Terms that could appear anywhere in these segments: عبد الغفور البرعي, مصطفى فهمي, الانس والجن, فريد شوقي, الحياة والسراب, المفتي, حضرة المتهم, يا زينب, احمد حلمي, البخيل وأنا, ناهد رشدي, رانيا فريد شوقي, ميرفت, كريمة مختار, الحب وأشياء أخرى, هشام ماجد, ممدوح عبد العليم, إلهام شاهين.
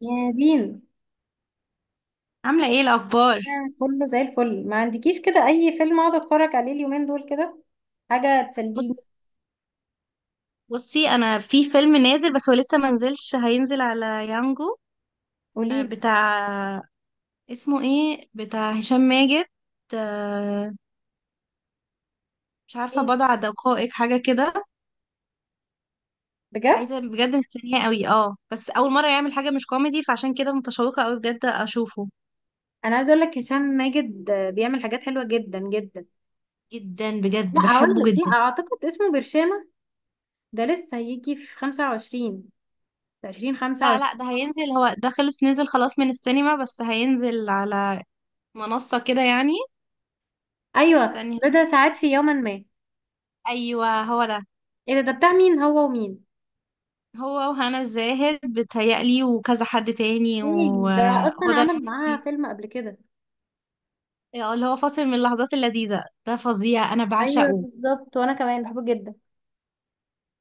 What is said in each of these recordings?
يا بين. عاملة ايه الأخبار؟ كله زي الفل، ما عندكيش كده اي فيلم اقعد اتفرج عليه اليومين دول كده؟ حاجه تسليني. بص بصي أنا في فيلم نازل، بس هو لسه منزلش، هينزل على يانجو. قوليلي. بتاع، اسمه ايه؟ بتاع هشام ماجد. آه، مش عارفة، ايه، بضع دقائق، حاجة كده. بجد؟ عايزة بجد، مستنية قوي، اه بس أول مرة يعمل حاجة مش كوميدي، فعشان كده متشوقة قوي بجد أشوفه. انا عايزه اقول لك هشام ماجد بيعمل حاجات حلوه جدا جدا. جدا، لا، بجد هقول بحبه لك، لا جدا. اعتقد اسمه برشامه. ده لسه هيجي في 25، في لا 2025. لا، ده هينزل، هو ده خلص نزل خلاص من السينما، بس هينزل على منصة كده يعني. ايوه، استني، بدا ساعات في يوما ما. ايوه هو ده. ايه ده. ده بتاع مين، هو ومين؟ هو وهنا الزاهد بتهيألي، وكذا حد تاني، إيه ده، اصلا وهدى عمل معاها المفتي. فيلم قبل كده؟ اللي هو فاصل من اللحظات اللذيذة ده فظيع، أنا ايوه بعشقه. بالظبط، وانا كمان بحبه جدا.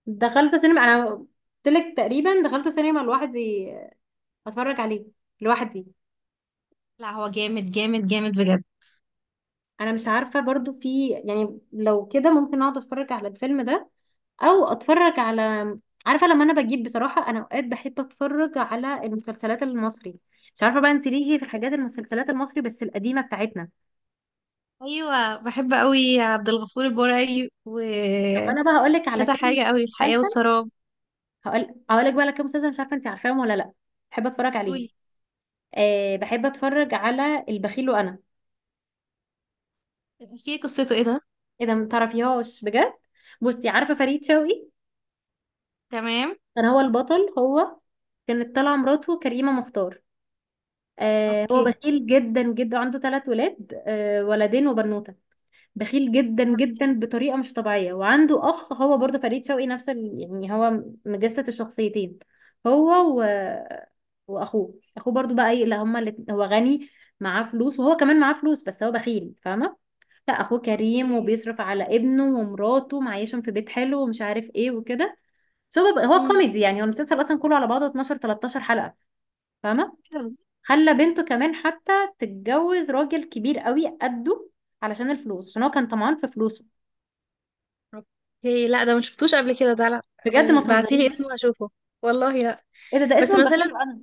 دخلت سينما، انا قلت لك تقريبا دخلت سينما لوحدي اتفرج عليه لوحدي. لا هو جامد جامد جامد بجد. انا مش عارفه برضو، في يعني لو كده ممكن اقعد اتفرج على الفيلم ده او اتفرج على... عارفه لما انا بجيب، بصراحه انا اوقات بحب اتفرج على المسلسلات المصري. مش عارفه بقى انت ليه، في الحاجات المسلسلات المصري بس القديمه بتاعتنا. أيوة، بحب قوي عبد الغفور البرعي طب انا بقى وكذا هقول لك على حاجة كام قوي، الحياة مسلسل. والسراب. هقول لك بقى على كام مسلسل، مش عارفه انت عارفاهم ولا لا. بحب اتفرج عليهم. قولي، أه، بحب اتفرج على البخيل وانا. احكي لي قصته، ايه ده؟ ايه ده، متعرفيهاش بجد؟ بصي، عارفه فريد شوقي؟ تمام. كان هو البطل، هو. كانت طالعه مراته كريمه مختار. آه، هو اوكي. بخيل جدا جدا، عنده ثلاث ولاد، ولدين وبنوته. بخيل جدا جدا بطريقه مش طبيعيه. وعنده اخ هو برضه فريد شوقي، نفس ال... يعني هو مجسد الشخصيتين. هو و... واخوه، اخوه برضه بقى ايه، لا هما اللي هو غني، معاه فلوس، وهو كمان معاه فلوس بس هو بخيل، فاهمه؟ لا، اخوه كريم، اوكي. وبيصرف على ابنه ومراته، معيشهم في بيت حلو ومش عارف ايه وكده. هو مم. كوميدي يعني، هو المسلسل اصلا كله على بعضه 12 13 حلقه، فاهمه؟ خلى بنته كمان حتى تتجوز راجل كبير قوي قده علشان الفلوس، عشان هو كان طمعان في فلوسه. اوكي، لا ده ما شفتوش قبل كده، ده لا. بجد، ما بعتيلي تهزريش. اسمه هشوفه، والله لا. ايه ده. ده بس اسمه البخيل مثلا، وانا.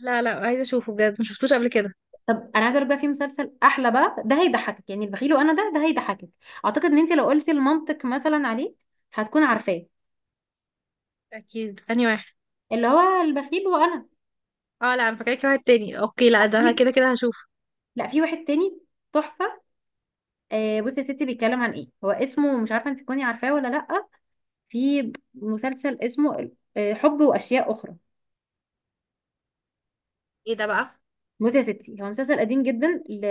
لا لا، عايزة اشوفه بجد، ما شفتوش قبل كده. طب انا عايزه اقول بقى، في مسلسل احلى بقى، ده هيضحكك، يعني البخيل وانا ده، ده هيضحكك. اعتقد ان انت لو قلتي المنطق مثلا عليه هتكون عارفاه، اكيد اني واحد. اللي هو البخيل وانا. اه لا، انا فاكراكي واحد تاني، اوكي لا ده في... كده كده هشوف. لا، في واحد تاني، تحفه. آه، بصي يا ستي، بيتكلم عن ايه هو، اسمه مش عارفه انت تكوني عارفاه ولا لا. في مسلسل اسمه حب واشياء اخرى. ايه ده بقى؟ بصي يا ستي، هو مسلسل قديم جدا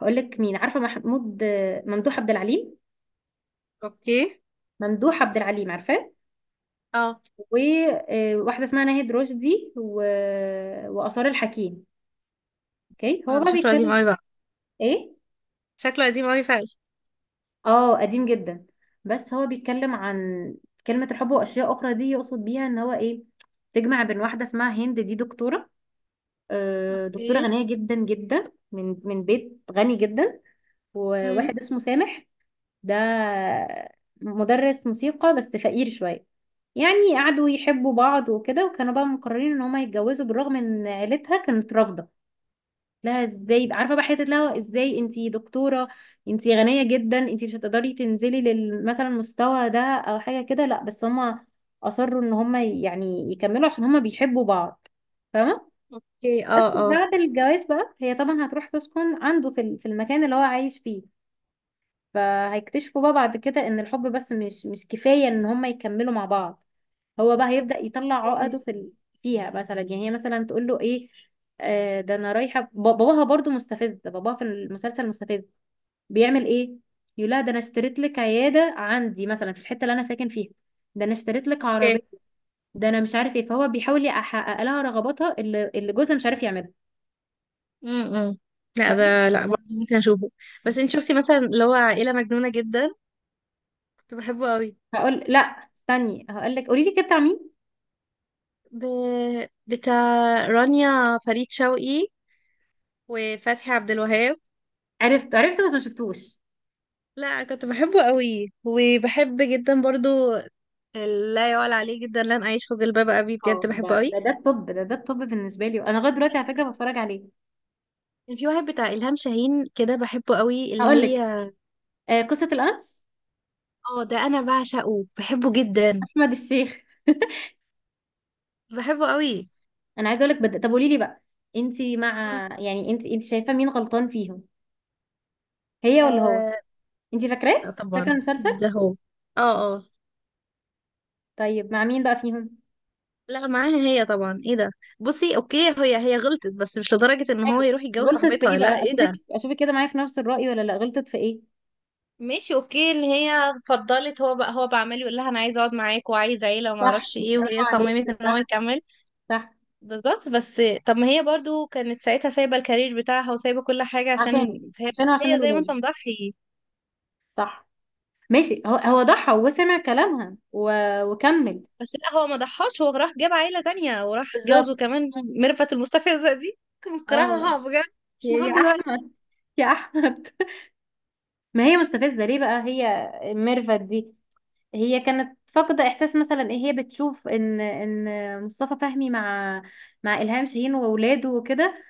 هقول لك مين. عارفه محمود ممدوح عبد العليم؟ اوكي. ممدوح عبد العليم، عارفاه؟ اه وواحدة اسمها ناهد رشدي وآثار الحكيم. اوكي، اه. هو ده بقى شكله قديم بيتكلم. قوي بقى، ايه؟ شكله قديم قوي فعلا. اه، قديم جدا. بس هو بيتكلم عن كلمة الحب وأشياء أخرى دي، يقصد بيها ان هو ايه، تجمع بين واحدة اسمها هند، دي دكتورة، دكتورة اوكي. غنية جدا جدا، من بيت غني جدا. امم. وواحد اسمه سامح، ده مدرس موسيقى بس فقير شوية. يعني قعدوا يحبوا بعض وكده، وكانوا بقى مقررين ان هما يتجوزوا بالرغم ان عيلتها كانت رافضة لها، ازاي عارفه بقى، حته لها ازاي، انتي دكتوره، انتي غنيه جدا، انتي مش هتقدري تنزلي مثلا المستوى ده او حاجه كده. لا، بس هما اصروا ان هما يعني يكملوا عشان هما بيحبوا بعض، فاهمه؟ اوكي. بس اه اه. بعد الجواز بقى، هي طبعا هتروح تسكن عنده في في المكان اللي هو عايش فيه. فهيكتشفوا بقى بعد كده ان الحب بس مش كفايه ان هما يكملوا مع بعض. هو بقى هيبدأ يطلع عقده اوكي. في ال-، فيها مثلا، يعني هي مثلا تقول له ايه، آه ده انا رايحه، باباها برضو مستفز، باباها في المسلسل مستفز، بيعمل ايه، يقول لها ده انا اشتريت لك عياده عندي مثلا في الحته اللي انا ساكن فيها، ده انا اشتريت لك اوكي. عربيه، ده انا مش عارف ايه، فهو بيحاول يحقق لها رغباتها اللي جوزها مش عارف يعملها، امم. لا فاهم؟ ده لا، برضه ممكن اشوفه. بس انت شفتي مثلا اللي هو عائلة مجنونة جدا؟ كنت بحبه قوي. هقول لا، استني هقول لك. قولي لي كده بتاع مين. ب... بتاع رانيا فريد شوقي وفتحي عبد الوهاب. عرفت عرفت بس ما شفتوش. لا كنت بحبه قوي، وبحب جدا برضو. لا يعلى عليه جدا لن اعيش في جلباب ابي، اه، بجد بحبه ده قوي. ده ده الطب، ده الطب بالنسبه لي انا، لغايه دلوقتي على فكره بتفرج عليه. كان في واحد بتاع الهام شاهين كده بحبه قوي، اللي هقول هي، لك، قصه الامس، اه ده انا بعشقه، بحبه جدا. احمد الشيخ. بحبه قوي. انا عايزه اقول لك طب قولي لي بقى، انت مم. مع يعني، انت شايفه مين غلطان فيهم، هي ولا هو؟ آه. انت فاكراه، فاكره طبعا. المسلسل؟ ده هو. اه اه. طيب، مع مين بقى فيهم؟ لا معاها هي طبعا، ايه ده. بصي اوكي، هي غلطت، بس مش لدرجة ان هو حلو. يروح يتجوز غلطت في ايه صاحبتها، لا بقى، ايه اشوفك ده. اشوفك كده معايا في نفس الرأي ولا لا؟ غلطت في ايه؟ ماشي اوكي، ان هي فضلت، هو بعمل يقول لها انا عايز اقعد معاك وعايز عيلة وما صح، اعرفش ايه، برافو وهي صممت عليكي، ان هو صح، يكمل. صح. بالظبط، بس طب ما هي برضو كانت ساعتها سايبة الكارير بتاعها وسايبة كل حاجة عشان، عشانه، فهي، عشانه، عشان هي زي ما انت الولاد. مضحي. صح ماشي، هو ضحى وسمع كلامها وكمل. بس لا هو ما ضحاش، هو راح جاب عيلة تانية، وراح بالظبط. جوزه كمان ميرفت المستفزة دي. كنت اه، مكرهها بجد يا لحد دلوقتي. احمد، يا احمد. ما هي مستفزه ليه بقى هي، ميرفت دي؟ هي كانت فاقدة إحساس مثلا إيه، هي بتشوف إن مصطفى فهمي مع إلهام شاهين وأولاده وكده،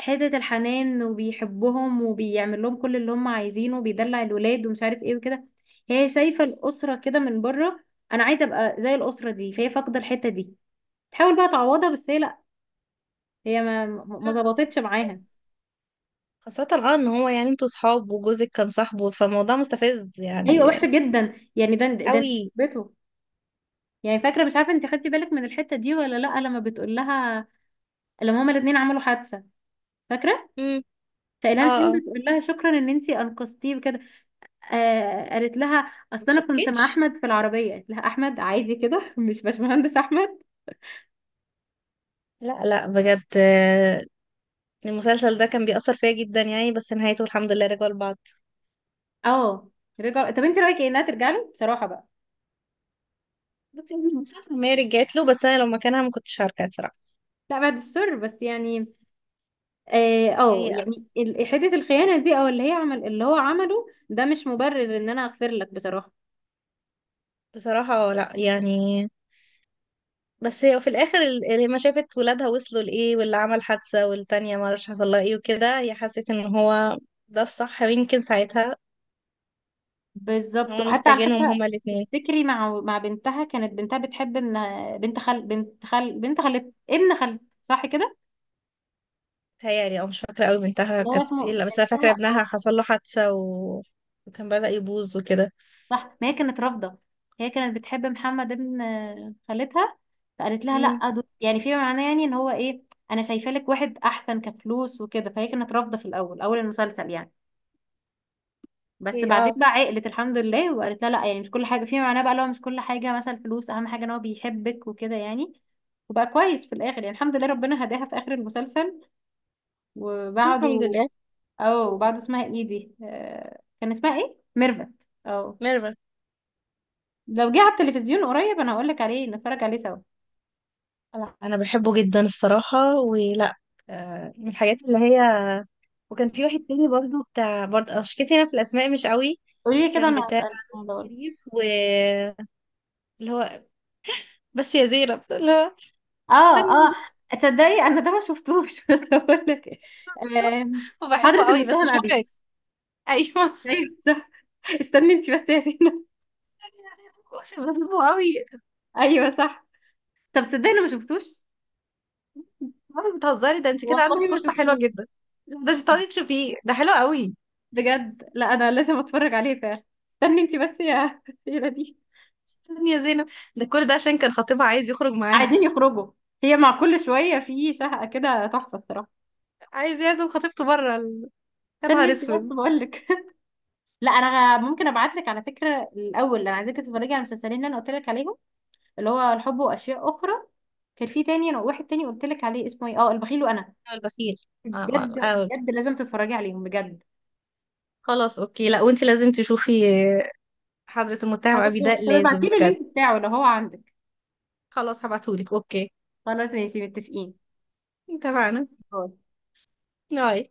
حتة الحنان وبيحبهم وبيعمل لهم كل اللي هم عايزينه وبيدلع الولاد ومش عارف إيه وكده، هي شايفة الأسرة كده من بره، أنا عايزة أبقى زي الأسرة دي، فهي فاقدة الحتة دي، تحاول بقى تعوضها، بس هي لأ. هي ما لا، ظبطتش معاها. خاصة اه ان هو، يعني انتوا صحاب وجوزك كان صاحبه، فالموضوع مستفز أيوة، يعني، وحشة جدا يعني، ده ده أنت قوي. صاحبته يعني، فاكرة مش عارفة أنت خدتي بالك من الحتة دي ولا لأ، لما بتقول لها لما هما الاتنين عملوا حادثة، فاكرة؟ امم. اه فإلهام شين اه. بتقول لها شكرا ان انتي انقذتيه وكده. آه، قالت لها اصل ما انا كنت مع شكتش. احمد في العربيه، قالت لها احمد عادي كده، مش باشمهندس احمد. لا لا بجد. المسلسل ده كان بيأثر فيا جدا يعني، بس نهايته الحمد لله رجعوا لبعض. اه رجع. طب انت رايك ايه انها ترجع له بصراحه بقى؟ بصي انا مش عارفه، ما هي رجعت له، بس انا لو مكانها ما كنتش هرجع صراحه. لا بعد السر بس يعني، اه، يعني يعني حته الخيانه دي او اللي هي عمل اللي هو عمله ده مش مبرر ان انا اغفر لك بصراحه. بصراحه لا يعني. بس هي في الاخر لما شافت ولادها وصلوا لايه، واللي عمل حادثه، والتانيه ما اعرفش حصل لها ايه وكده، هي حست ان هو ده الصح، ويمكن ساعتها بالظبط. هما وحتى على محتاجينهم فكره، هما الاثنين. تفتكري مع بنتها، كانت بنتها بتحب ان، بنت خال، بنت خال، بنت خالت ابن خالت، صح كده؟ تهيألي، او مش فاكره قوي بنتها اللي هو كانت اسمه ايه، لا بس انا فاكره بنتها، ابنها اه. حصل له حادثه و... وكان بدأ يبوظ وكده. صح، ما هي كانت رافضة، هي كانت بتحب محمد ابن خالتها، فقالت لها امم. لا، دول يعني في معناه، يعني ان هو ايه، انا شايفه لك واحد احسن كفلوس وكده. فهي كانت رافضة في الاول، اول المسلسل يعني، بس ايه. بعدين اه. بقى عقلت الحمد لله وقالت لها لا يعني، مش كل حاجة في معناه بقى، لو مش كل حاجة مثلا الفلوس اهم حاجة، ان هو بيحبك وكده يعني. وبقى كويس في الاخر يعني الحمد لله ربنا هداها في اخر المسلسل الحمد وبعده. لله. اه، وبعده اسمها ايه دي، كان اسمها ايه، ميرفت. اه. ميرفت. لو جه على التلفزيون قريب انا هقول لك عليه، نتفرج عليه سوا. انا بحبه جدا الصراحه، ولا من الحاجات اللي هي. وكان في واحد تاني برضو بتاع، برضه شكيتي انا في الاسماء مش قوي. قولي لي كده، كان انا بتاع هسألك في الموضوع ده. شريف و، اللي هو، بس يا زينب، اللي هو، اه استني يا اه. زينب. تصدقي انا ده ما شفتوش. بس هقول لك إيه. آم، حضرة وبحبه قوي بس المتهم مش ابي. فاكره اسمه. ايوه. ايوه صح. استني انت بس يا سينا. استني يا زينب، اقسم بالله بحبه قوي. ايوه صح. طب تصدقي انا ما شفتوش، مرة بتهزري، ده انت كده والله عندك ما فرصه حلوه شفتوش، جدا، ده انت تقعدي فيه، ده حلو قوي. بجد. لا، انا لازم اتفرج عليه فعلا. استني انت بس يا يا دي. استني يا زينب، ده كل ده عشان كان خطيبها عايز يخرج معاها، عايزين يخرجوا. هي مع كل شويه في شهقه كده، تحفه الصراحه. عايز يعزم خطيبته بره يا استني نهار انت اسود. بس، بقول لك، لا انا ممكن ابعت لك على فكره الاول، انا عايزاك تتفرجي على المسلسلين اللي انا قلت لك عليهم، اللي هو الحب واشياء اخرى، كان في تاني، انا واحد تاني قلت لك عليه اسمه ايه، اه، البخيل وانا، هو البخيل. آه، بجد. آه، آه. بجد لازم تتفرجي عليهم بجد. خلاص اوكي، لا وانت لازم تشوفي حضرة المتهم أبي، ده طب لازم ابعتيلي بجد. اللينك بتاعه لو هو عندك. خلاص هبعتهولك، اوكي. خلاص ماشي، متفقين. اتفقنا. باي. باي.